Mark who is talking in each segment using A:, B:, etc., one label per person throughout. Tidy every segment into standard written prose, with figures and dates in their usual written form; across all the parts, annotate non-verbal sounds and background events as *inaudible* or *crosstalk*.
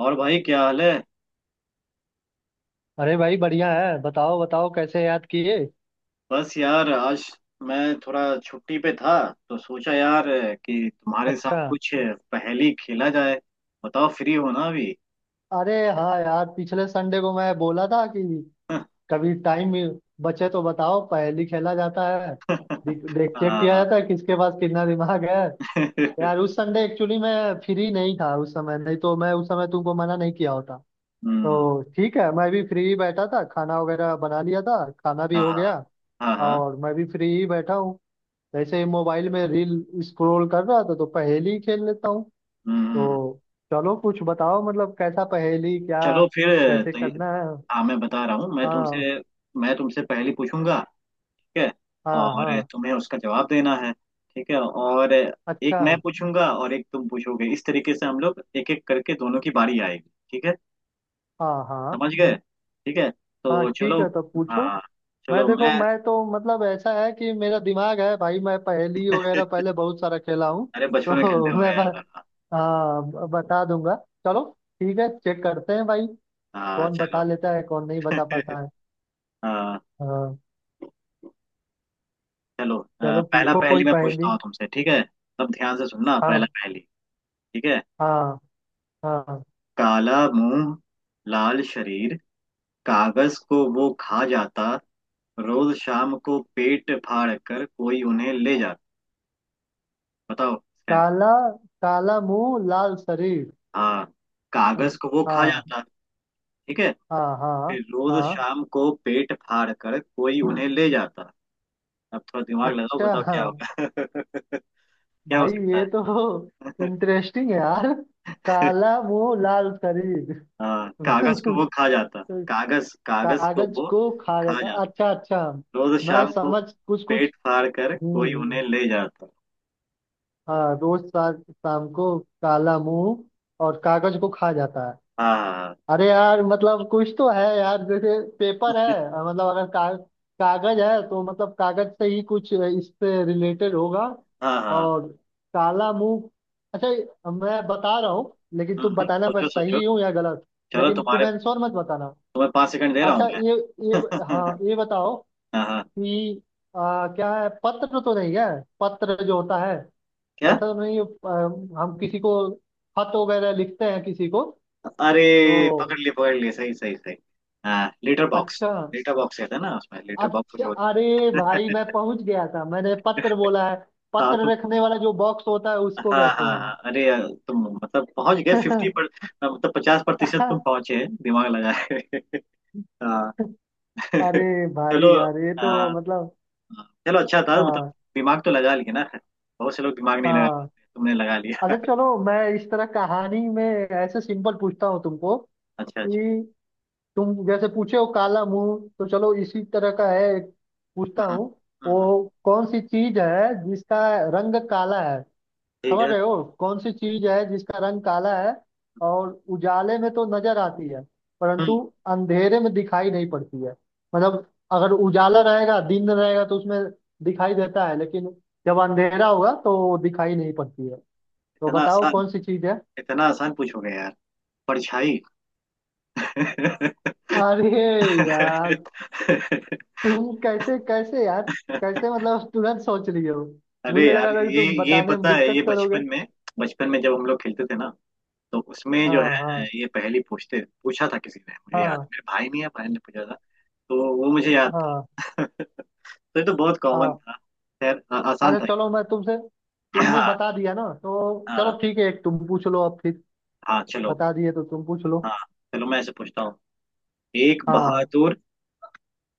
A: और भाई क्या हाल है?
B: अरे भाई बढ़िया है। बताओ बताओ कैसे याद किए।
A: बस यार आज मैं थोड़ा छुट्टी पे था तो सोचा यार कि तुम्हारे साथ
B: अच्छा,
A: कुछ पहेली खेला जाए। बताओ फ्री हो ना अभी?
B: अरे हाँ यार, पिछले संडे को मैं बोला था कि कभी टाइम बचे तो बताओ, पहेली खेला जाता है।
A: *laughs*
B: देख देख- चेक किया
A: हाँ।
B: जाता है किसके पास कितना दिमाग है।
A: *laughs* हम्म।
B: यार उस संडे एक्चुअली मैं फ्री नहीं था, उस समय नहीं तो मैं उस समय तुमको मना नहीं किया होता। तो ठीक है, मैं भी फ्री ही बैठा था, खाना वगैरह बना लिया था, खाना भी
A: हाँ
B: हो गया।
A: हाँ हाँ।
B: और मैं भी फ्री ही बैठा हूँ, ऐसे ही मोबाइल में रील स्क्रॉल कर रहा था, तो पहेली ही खेल लेता हूँ।
A: हम्म।
B: तो चलो कुछ बताओ, मतलब कैसा पहेली, क्या
A: चलो फिर।
B: कैसे
A: तो ये-
B: करना है।
A: हाँ मैं बता रहा हूँ। मैं
B: हाँ
A: तुमसे मैं तुमसे पहली पूछूंगा, ठीक है?
B: हाँ
A: और
B: हाँ।
A: तुम्हें उसका जवाब देना है, ठीक है। और एक
B: अच्छा।
A: मैं पूछूंगा और एक तुम पूछोगे, इस तरीके से हम लोग एक एक करके दोनों की बारी आएगी, ठीक है?
B: हाँ हाँ
A: समझ गए? ठीक है।
B: हाँ
A: तो
B: ठीक
A: चलो।
B: है, तो पूछो।
A: हाँ
B: मैं
A: चलो
B: देखो,
A: मैं।
B: मैं तो मतलब ऐसा है कि मेरा दिमाग है भाई, मैं पहेली वगैरह पहले बहुत सारा खेला हूँ।
A: अरे बचपन में
B: तो
A: खेलते
B: *laughs*
A: हुए
B: मैं
A: हैं।
B: बस,
A: हाँ।
B: हाँ बता दूंगा। चलो ठीक है, चेक करते हैं भाई
A: हाँ,
B: कौन
A: चलो।
B: बता लेता है कौन नहीं बता
A: *laughs*
B: पाता है।
A: हाँ
B: हाँ,
A: चलो
B: चलो
A: पहला
B: पूछो कोई
A: पहेली मैं
B: पहेली।
A: पूछता हूँ तुमसे, ठीक है? सब ध्यान से सुनना, पहला
B: हाँ
A: पहेली। ठीक है।
B: हाँ हाँ।
A: काला मुंह, लाल शरीर, कागज को वो खा जाता, रोज शाम को पेट फाड़ कर कोई उन्हें ले जाता। बताओ इसका आंसर।
B: काला, काला मुंह लाल शरीर।
A: हाँ, कागज को वो खा
B: हाँ
A: जाता। ठीक है।
B: हाँ हाँ
A: फिर रोज
B: हाँ।
A: शाम को पेट फाड़ कर कोई उन्हें ले जाता। अब थोड़ा दिमाग लगाओ,
B: अच्छा
A: बताओ
B: हाँ।
A: क्या होगा। *laughs* क्या हो
B: भाई ये
A: सकता
B: तो
A: है?
B: इंटरेस्टिंग है यार। काला मुंह लाल शरीर,
A: *laughs* हाँ, कागज को वो खा जाता। कागज, कागज को
B: कागज
A: वो
B: को खा
A: खा
B: जाता।
A: जाता,
B: अच्छा अच्छा।
A: रोज
B: मैं
A: शाम को
B: समझ कुछ कुछ।
A: पेट फाड़ कर
B: हम्म
A: कोई उन्हें
B: हम्म,
A: ले जाता।
B: हाँ रोज शाम शाम को काला मुंह और कागज को खा जाता है।
A: हाँ हाँ
B: अरे यार मतलब कुछ तो है यार, जैसे पेपर है, मतलब अगर का, कागज है तो मतलब कागज से ही कुछ इससे रिलेटेड होगा।
A: हाँ। हाँ हाँ।
B: और काला मुंह। अच्छा मैं बता रहा हूँ, लेकिन तुम बताना मैं
A: सोचो सोचो।
B: सही हूँ या गलत।
A: चलो
B: लेकिन तुम
A: तुम्हारे,
B: आंसर मत बताना।
A: तुम्हें 5 सेकंड दे रहा हूँ
B: अच्छा ये,
A: मैं।
B: हाँ
A: *laughs*
B: ये बताओ
A: हाँ हाँ।
B: कि क्या है, पत्र तो नहीं है? पत्र जो होता है, ऐसा
A: क्या?
B: तो नहीं है, हम किसी को खत वगैरह लिखते हैं किसी को। तो
A: अरे पकड़ लिए पकड़ लिए, सही सही सही। हाँ, लेटर बॉक्स।
B: अच्छा
A: लेटर बॉक्स कहते हैं ना उसमें, लेटर बॉक्स
B: अच्छा।
A: जो होता
B: अरे भाई
A: है।
B: मैं पहुंच गया था, मैंने पत्र बोला है।
A: *laughs* हाँ
B: पत्र
A: तो
B: रखने वाला जो बॉक्स होता है
A: हाँ
B: उसको कहते
A: हाँ हाँ। अरे यार, तुम मतलब पहुंच गए
B: हैं।
A: 50
B: *laughs*
A: पर, हाँ, मतलब 50% तुम पहुंचे, दिमाग लगाए। *laughs* हाँ। *laughs*
B: अरे भाई
A: चलो।
B: यार ये तो
A: हाँ,
B: मतलब।
A: हाँ, चलो, अच्छा था मतलब।
B: हाँ
A: दिमाग तो लगा लिए ना, बहुत से लोग दिमाग नहीं लगा
B: हाँ।
A: पाते, तुमने लगा लिया।
B: अच्छा चलो मैं इस तरह कहानी में ऐसे सिंपल पूछता हूँ तुमको
A: अच्छा अच्छा।
B: कि तुम जैसे पूछे हो काला मुंह, तो चलो इसी तरह का है एक पूछता
A: हम्म,
B: हूँ।
A: हम्म,
B: वो कौन सी चीज है जिसका रंग काला है?
A: ठीक
B: समझ
A: है।
B: रहे हो, कौन सी चीज है जिसका रंग काला है और उजाले में तो नजर आती है, परंतु
A: हम्म।
B: अंधेरे में दिखाई नहीं पड़ती है? मतलब अगर उजाला रहेगा, दिन रहेगा, तो उसमें दिखाई देता है, लेकिन जब अंधेरा होगा तो दिखाई नहीं पड़ती है। तो
A: इतना
B: बताओ
A: आसान?
B: कौन सी चीज है।
A: इतना आसान पूछोगे यार? परछाई। *laughs*
B: अरे यार तुम कैसे कैसे यार, कैसे मतलब तुरंत सोच लिए हो।
A: अरे
B: मुझे
A: यार,
B: लगा था कि
A: ये
B: तुम
A: ये
B: बताने में
A: पता है, ये
B: दिक्कत करोगे।
A: बचपन में, बचपन में जब हम लोग खेलते थे ना, तो उसमें जो
B: हाँ
A: है
B: हाँ।
A: ये पहेली पूछते, पूछा था किसी ने, मुझे याद,
B: हाँ
A: मेरे भाई ने या बहन ने पूछा था, तो वो मुझे याद
B: हाँ
A: था। *laughs* तो ये तो बहुत कॉमन
B: हाँ।
A: था। खैर आसान
B: अच्छा
A: था ये।
B: चलो मैं तुमसे,
A: *clears throat*
B: तुमने
A: हाँ।
B: बता दिया ना तो चलो
A: हाँ।
B: ठीक है, एक तुम पूछ लो अब फिर।
A: हाँ, चलो।
B: बता दिए तो तुम पूछ लो।
A: हाँ चलो मैं ऐसे पूछता हूँ। एक
B: हाँ।
A: बहादुर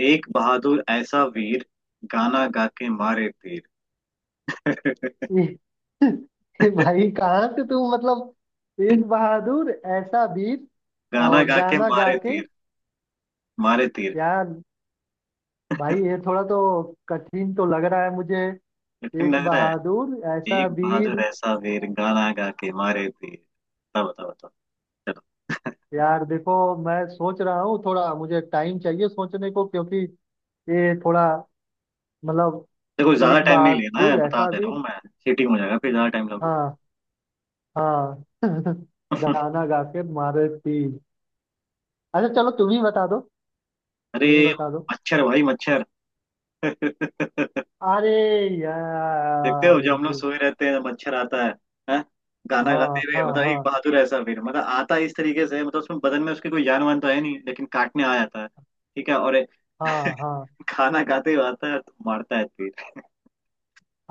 A: एक बहादुर ऐसा वीर, गाना गा के मारे तीर। *laughs*
B: ये *laughs* ये भाई कहाँ से तुम, मतलब एक बहादुर ऐसा वीर।
A: गाना
B: और
A: गा के
B: गाना गा
A: मारे
B: के।
A: तीर, मारे तीर।
B: यार, भाई
A: *laughs*
B: ये थोड़ा तो कठिन तो लग रहा है मुझे।
A: कठिन
B: एक
A: लग रहा है।
B: बहादुर ऐसा
A: एक बहादुर
B: वीर।
A: ऐसा वीर, गाना गा के मारे तीर। बताओ बताओ बताओ। चलो। *laughs*
B: यार देखो मैं सोच रहा हूँ, थोड़ा मुझे टाइम चाहिए सोचने को, क्योंकि ये थोड़ा मतलब।
A: देखो ज्यादा
B: एक
A: टाइम नहीं लेना है,
B: बहादुर
A: बता
B: ऐसा
A: दे रहा
B: वीर।
A: हूँ मैं, सीटिंग हो जाएगा फिर, ज्यादा टाइम लगेगा।
B: हाँ। हाँ *laughs* गाना गा के मारे तीर। अच्छा चलो तुम ही बता दो।
A: *laughs* अरे
B: तुम ही बता दो।
A: मच्छर भाई, मच्छर। *laughs*
B: अरे
A: देखते
B: यार।
A: हो जब हम लोग सोए रहते हैं मच्छर आता है। हैं? गाना
B: हाँ
A: गाते हुए,
B: हाँ
A: मतलब एक
B: हाँ।
A: बहादुर ऐसा, फिर मतलब आता है इस तरीके से, मतलब उसमें बदन में उसकी कोई जान वान तो है नहीं, लेकिन काटने आ जाता है, ठीक है, और
B: हाँ हाँ
A: खाना खाते हुए आता है तो मारता है फिर।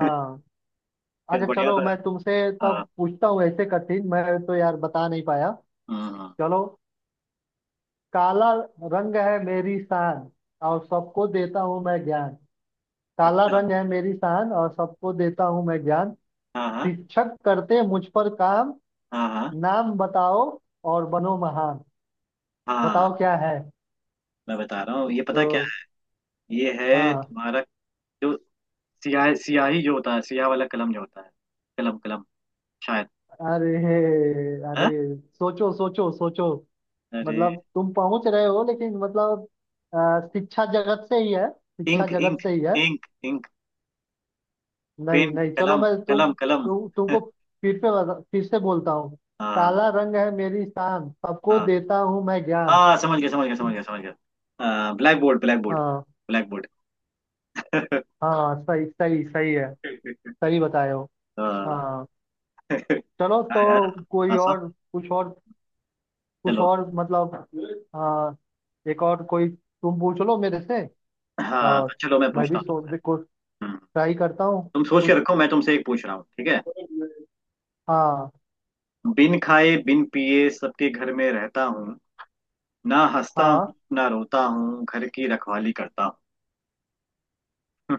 A: *laughs* क्या
B: अच्छा
A: बढ़िया
B: चलो
A: था।
B: मैं तुमसे
A: हाँ
B: तब पूछता हूँ, ऐसे कठिन मैं तो यार बता नहीं पाया।
A: हाँ हाँ।
B: चलो। काला रंग है मेरी शान, और सबको देता हूँ मैं ज्ञान। काला
A: अच्छा
B: रंग है मेरी शान, और सबको देता हूँ मैं ज्ञान।
A: हाँ हाँ
B: शिक्षक करते मुझ पर काम,
A: हाँ हाँ।
B: नाम बताओ और बनो महान। बताओ
A: हाँ
B: क्या है।
A: मैं बता रहा हूँ, ये पता क्या
B: तो।
A: है? ये है
B: हाँ।
A: तुम्हारा जो सियाह, सियाही जो होता है, सियाह वाला कलम जो होता है, कलम कलम शायद
B: अरे अरे,
A: है।
B: सोचो सोचो सोचो।
A: अरे
B: मतलब तुम पहुंच रहे हो लेकिन मतलब, शिक्षा जगत से ही है, शिक्षा
A: इंक
B: जगत
A: इंक,
B: से ही है।
A: इंक इंक,
B: नहीं
A: पेन,
B: नहीं, चलो
A: कलम
B: मैं
A: कलम
B: तुम
A: कलम।
B: तुमको
A: *laughs*
B: फिर फिर से बोलता हूँ।
A: हाँ
B: काला रंग है मेरी शान, सबको
A: हाँ
B: देता हूँ मैं ज्ञान।
A: हाँ, समझ गया समझ गया समझ गया समझ गया, ब्लैक बोर्ड ब्लैक बोर्ड।
B: हाँ
A: ब्लैक बोर्ड।
B: हाँ, सही सही सही है।
A: *laughs*
B: सही बताए हो।
A: हाँ
B: हाँ। चलो
A: हाँ
B: तो
A: यार,
B: कोई
A: आसान।
B: और, कुछ और। कुछ
A: चलो।
B: और मतलब, आ, एक और कोई तुम पूछ लो मेरे से,
A: हाँ
B: और
A: चलो मैं
B: मैं भी
A: पूछता हूँ
B: सोच
A: तुमसे।
B: को
A: हम्म,
B: ट्राई करता हूँ
A: तुम सोच के
B: कुछ।
A: रखो, मैं तुमसे एक पूछ रहा हूँ, ठीक है।
B: हाँ।
A: बिन खाए बिन पिए सबके घर में रहता हूँ, ना हंसता हूँ
B: हाँ।
A: ना रोता हूँ, घर की रखवाली करता हूँ।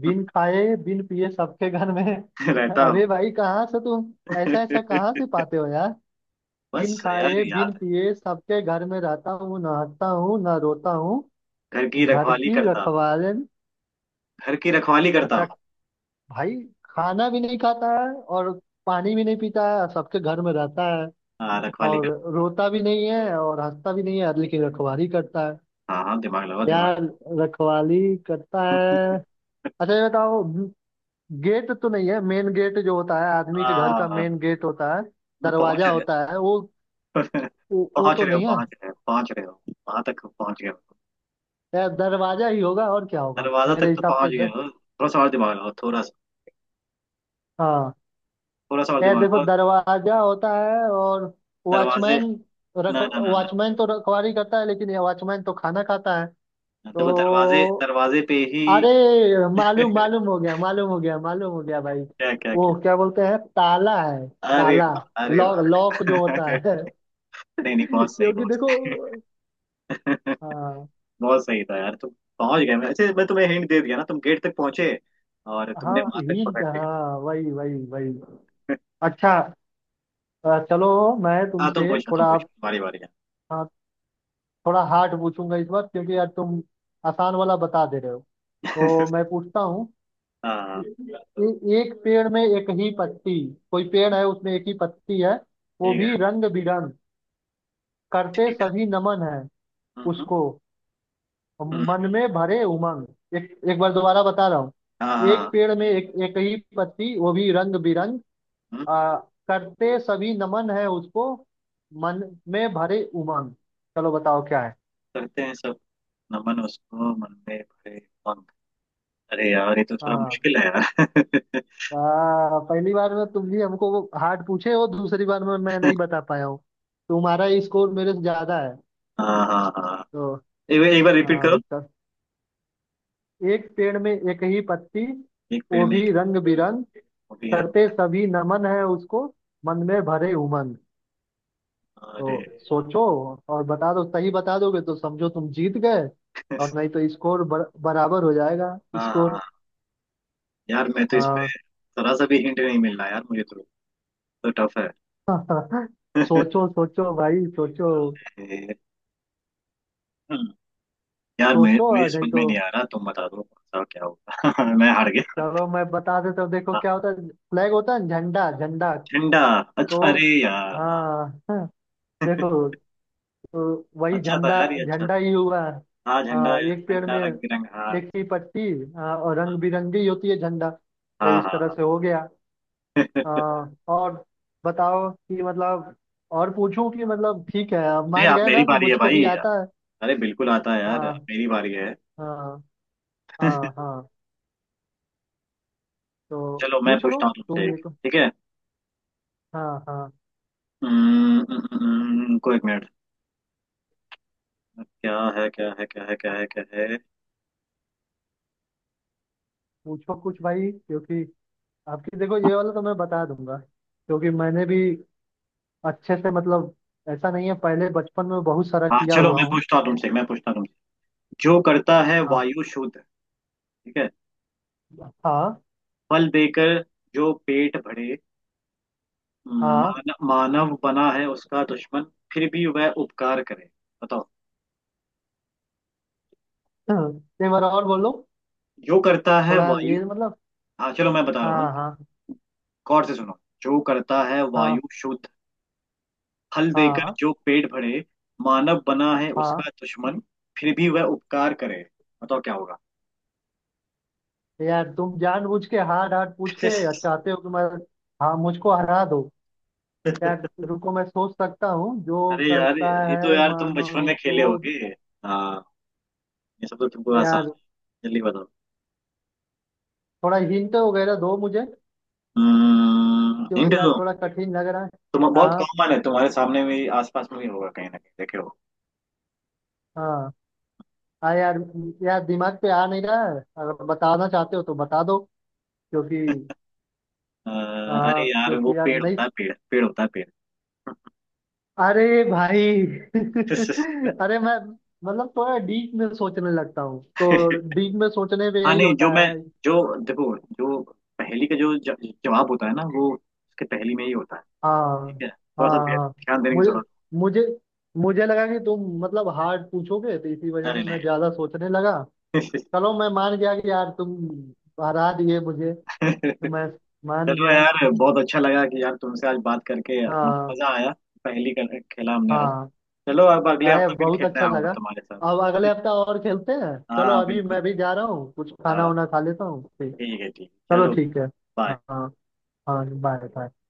B: बिन खाए बिन पिए सबके घर में।
A: *laughs* रहता
B: अरे
A: हूँ।
B: भाई कहाँ से तुम ऐसा ऐसा कहाँ
A: *laughs*
B: से पाते हो यार। बिन
A: बस यार,
B: खाए
A: याद
B: बिन
A: है।
B: पिए सबके घर में रहता हूँ, ना हंसता हूँ ना रोता हूँ,
A: घर की
B: घर
A: रखवाली
B: की
A: करता हूँ।
B: रखवालन।
A: घर की रखवाली करता
B: अच्छा
A: हूँ।
B: भाई, खाना भी नहीं खाता है और पानी भी नहीं पीता है और सबके घर में रहता है,
A: हाँ, रखवाली
B: और
A: करता।
B: रोता भी नहीं है और हंसता भी नहीं है, लेकिन रखवाली करता है।
A: हाँ हाँ, दिमाग लगाओ दिमाग।
B: यार, रखवाली करता है। अच्छा ये बताओ, गेट तो नहीं है, मेन गेट जो होता है,
A: *laughs*
B: आदमी के घर का
A: हाँ,
B: मेन गेट होता है,
A: पहुंच
B: दरवाजा
A: रहे
B: होता है, वो,
A: हो। *laughs*
B: वो
A: पहुंच
B: तो
A: रहे हो,
B: नहीं है?
A: पहुंच रहे हो, पहुंच रहे हो, वहां तक पहुंच गए हो।
B: यार दरवाजा ही होगा और क्या होगा
A: दरवाजा
B: मेरे
A: तक तो
B: हिसाब से,
A: पहुंच गए हो। थोड़ा सा और दिमाग लगाओ, थोड़ा सा।
B: हाँ।
A: थोड़ा सा और
B: यार
A: दिमाग
B: देखो
A: लगाओ।
B: दरवाजा होता है और
A: दरवाजे।
B: वॉचमैन, रख
A: ना ना ना ना,
B: वॉचमैन तो रखवाली करता है, लेकिन ये वॉचमैन तो खाना खाता है।
A: ना, देखो दरवाजे
B: तो,
A: दरवाजे पे ही।
B: अरे मालूम मालूम हो गया, मालूम हो गया, मालूम हो गया भाई।
A: क्या क्या
B: वो
A: क्या?
B: क्या बोलते हैं, ताला है,
A: अरे
B: ताला।
A: वाह, अरे
B: लॉक, लॉक
A: वाह।
B: जो होता है।
A: *laughs* नहीं नहीं, बहुत
B: *laughs*
A: सही,
B: क्योंकि
A: बहुत
B: देखो।
A: सही,
B: हाँ।
A: बहुत सही था यार, तुम पहुंच गए, मैं अच्छा, मैं तुम्हें हिंट दे दिया ना, तुम गेट तक पहुंचे और
B: हाँ
A: तुमने वहां तक
B: हिंट
A: पकड़ लिया।
B: हाँ, वही वही वही। अच्छा, चलो मैं
A: हाँ, तुम
B: तुमसे
A: पूछो तुम
B: थोड़ा,
A: पूछो, तुम्हारी बारी है।
B: हाँ, थोड़ा हार्ड पूछूंगा इस बार क्योंकि यार तुम आसान वाला बता दे रहे हो। तो
A: *laughs*
B: मैं पूछता हूँ,
A: हाँ।
B: एक पेड़ में एक ही पत्ती, कोई पेड़ है उसमें एक ही पत्ती है, वो
A: ठीक है,
B: भी रंग बिरंग, करते
A: ठीक है।
B: सभी नमन है
A: हम्म हम्म,
B: उसको,
A: हम्म,
B: मन में भरे उमंग। एक एक बार दोबारा बता रहा हूँ।
A: हाँ हाँ
B: एक
A: हाँ,
B: पेड़ में एक एक ही पत्ती, वो भी रंग बिरंग,
A: हम्म,
B: आ, करते सभी नमन है उसको, मन में भरे उमंग। चलो बताओ क्या है।
A: करते हैं सब नमन उसको, मन में भरे पंख। अरे यार ये तो थोड़ा
B: हाँ।
A: मुश्किल है यार। *laughs*
B: पहली बार में तुम भी हमको हार्ड पूछे हो, दूसरी बार में मैं नहीं बता पाया हूँ, तुम्हारा स्कोर मेरे से ज्यादा है।
A: हाँ हाँ हाँ।
B: तो
A: एक बार रिपीट करो।
B: हाँ, एक पेड़ में एक ही पत्ती,
A: एक पेड़
B: वो
A: में एक
B: भी
A: ही बार,
B: रंग बिरंग,
A: वो भी रंग
B: करते
A: में।
B: सभी नमन है उसको, मन में भरे उमंग।
A: अरे।
B: तो सोचो और बता दो, सही बता दोगे तो समझो तुम जीत गए, और
A: *laughs*
B: नहीं तो स्कोर बराबर हो जाएगा।
A: हाँ हाँ।
B: स्कोर।
A: यार मैं तो इसमें
B: हाँ
A: थोड़ा सा भी हिंट नहीं मिल रहा यार मुझे तो टफ
B: *laughs*
A: है। *laughs*
B: सोचो सोचो भाई सोचो।
A: ए, यार
B: सोचो
A: मुझे
B: और नहीं
A: समझ में
B: तो
A: नहीं आ रहा, तुम बता दो कौन सा क्या होगा। *laughs* मैं हार गया।
B: चलो मैं बता देता हूँ। देखो
A: हाँ,
B: क्या होता है, फ्लैग होता है ना, झंडा झंडा।
A: झंडा। अच्छा,
B: तो
A: अरे यार हाँ।
B: हाँ *laughs* देखो,
A: *laughs*
B: तो वही
A: अच्छा था
B: झंडा,
A: यार, ये अच्छा
B: झंडा ही
A: था।
B: हुआ।
A: हाँ, झंडा,
B: हाँ एक पेड़
A: झंडा
B: में
A: रंग बिरंग, हाँ।
B: एक ही पत्ती, हाँ, और रंग बिरंगी होती है झंडा, तो
A: हाँ
B: इस
A: हाँ
B: तरह
A: हाँ।
B: से हो गया।
A: *laughs*
B: हाँ, और बताओ कि मतलब, और पूछूं कि मतलब, ठीक है अब
A: नहीं,
B: मान
A: आप
B: गए
A: मेरी
B: ना कि
A: बारी है
B: मुझको
A: भाई।
B: भी आता है।
A: अरे बिल्कुल आता है यार, अब
B: हाँ
A: मेरी बारी है।
B: हाँ। हाँ हाँ। तो
A: चलो मैं
B: पूछ लो
A: पूछता हूँ तुमसे
B: तुम
A: एक,
B: एक।
A: ठीक है।
B: हाँ हाँ।
A: हम्म, हम्म, हम्म, को एक मिनट, क्या है क्या है क्या है क्या है क्या है।
B: पूछो कुछ भाई, क्योंकि आपकी देखो ये वाला तो मैं बता दूंगा क्योंकि मैंने भी अच्छे से मतलब, ऐसा नहीं है पहले, बचपन में बहुत सारा
A: हाँ
B: किया
A: चलो
B: हुआ
A: मैं
B: हूँ।
A: पूछता हूँ तुमसे मैं पूछता हूँ तुमसे जो करता है
B: आप।
A: वायु शुद्ध, ठीक है।
B: हाँ
A: फल देकर जो पेट भरे, हाँ।
B: हाँ।
A: मानव बना है उसका दुश्मन, फिर भी वह उपकार करे। बताओ।
B: *laughs* एक बार और बोलो।
A: जो करता है
B: थोड़ा
A: वायु,
B: ये मतलब।
A: हाँ चलो मैं बता रहा हूँ,
B: हाँ हाँ
A: गौर से सुनो। जो करता है
B: हाँ।
A: वायु शुद्ध, फल देकर
B: हाँ।
A: जो पेट भरे, मानव बना है
B: हाँ
A: उसका दुश्मन, फिर भी वह उपकार करे। बताओ क्या होगा।
B: यार तुम जानबूझ के हार्ड हार्ड पूछ के
A: *laughs*
B: चाहते हो कि मैं, हाँ मुझको हरा दो। यार रुको, मैं सोच सकता हूँ, जो
A: अरे यार
B: करता
A: ये तो,
B: है
A: यार तुम बचपन
B: मानो
A: में खेले
B: तो।
A: होगे। हाँ, ये सब तो तुमको आसान।
B: यार
A: जल्दी बताओ।
B: थोड़ा हिंट वगैरह दो मुझे,
A: हिंट
B: क्योंकि यार
A: दो,
B: थोड़ा कठिन लग रहा है।
A: तुम, बहुत
B: हाँ।
A: कॉमन है, तुम्हारे सामने भी आसपास में भी होगा कहीं ना कहीं देखे।
B: हाँ। हाँ यार, यार दिमाग पे आ नहीं रहा है, अगर बताना चाहते हो तो बता दो। क्योंकि
A: अ, अरे
B: हाँ,
A: यार वो
B: क्योंकि यार
A: पेड़
B: नहीं।
A: होता है, पेड़, पेड़ होता है पेड़।
B: अरे भाई *laughs* अरे मैं मतलब थोड़ा डीप में सोचने लगता हूँ तो
A: *laughs*
B: डीप में सोचने पे
A: हाँ
B: यही
A: नहीं
B: होता
A: जो मैं,
B: है।
A: जो, देखो जो पहेली का जो जवाब होता है ना वो उसके पहेली में ही होता है,
B: हाँ
A: ठीक है, थोड़ा सा
B: हाँ हाँ
A: ध्यान देने की
B: मुझे,
A: जरूरत।
B: मुझे, मुझे लगा कि तुम मतलब हार्ड पूछोगे, तो इसी वजह
A: अरे
B: से मैं
A: नहीं।
B: ज्यादा सोचने लगा।
A: *laughs*
B: चलो मैं मान गया कि यार तुम हरा दिए मुझे, तो मैं मान
A: चलो
B: गया।
A: यार, बहुत अच्छा लगा कि यार तुमसे आज बात करके मतलब
B: हाँ।
A: मजा आया, पहेली का खेला हमने आज।
B: हाँ।
A: चलो अब अगले
B: अरे
A: हफ्ते फिर
B: बहुत अच्छा
A: खेलने आऊंगा
B: लगा।
A: तुम्हारे
B: अब
A: साथ।
B: अगले
A: *laughs*
B: हफ्ते और खेलते हैं, चलो
A: हाँ
B: अभी
A: बिल्कुल।
B: मैं भी जा रहा हूँ, कुछ खाना
A: हाँ
B: वाना खा लेता हूँ, ठीक।
A: ठीक है, ठीक है,
B: चलो
A: चलो,
B: ठीक है।
A: बाय।
B: हाँ हाँ। हाँ बाय बाय।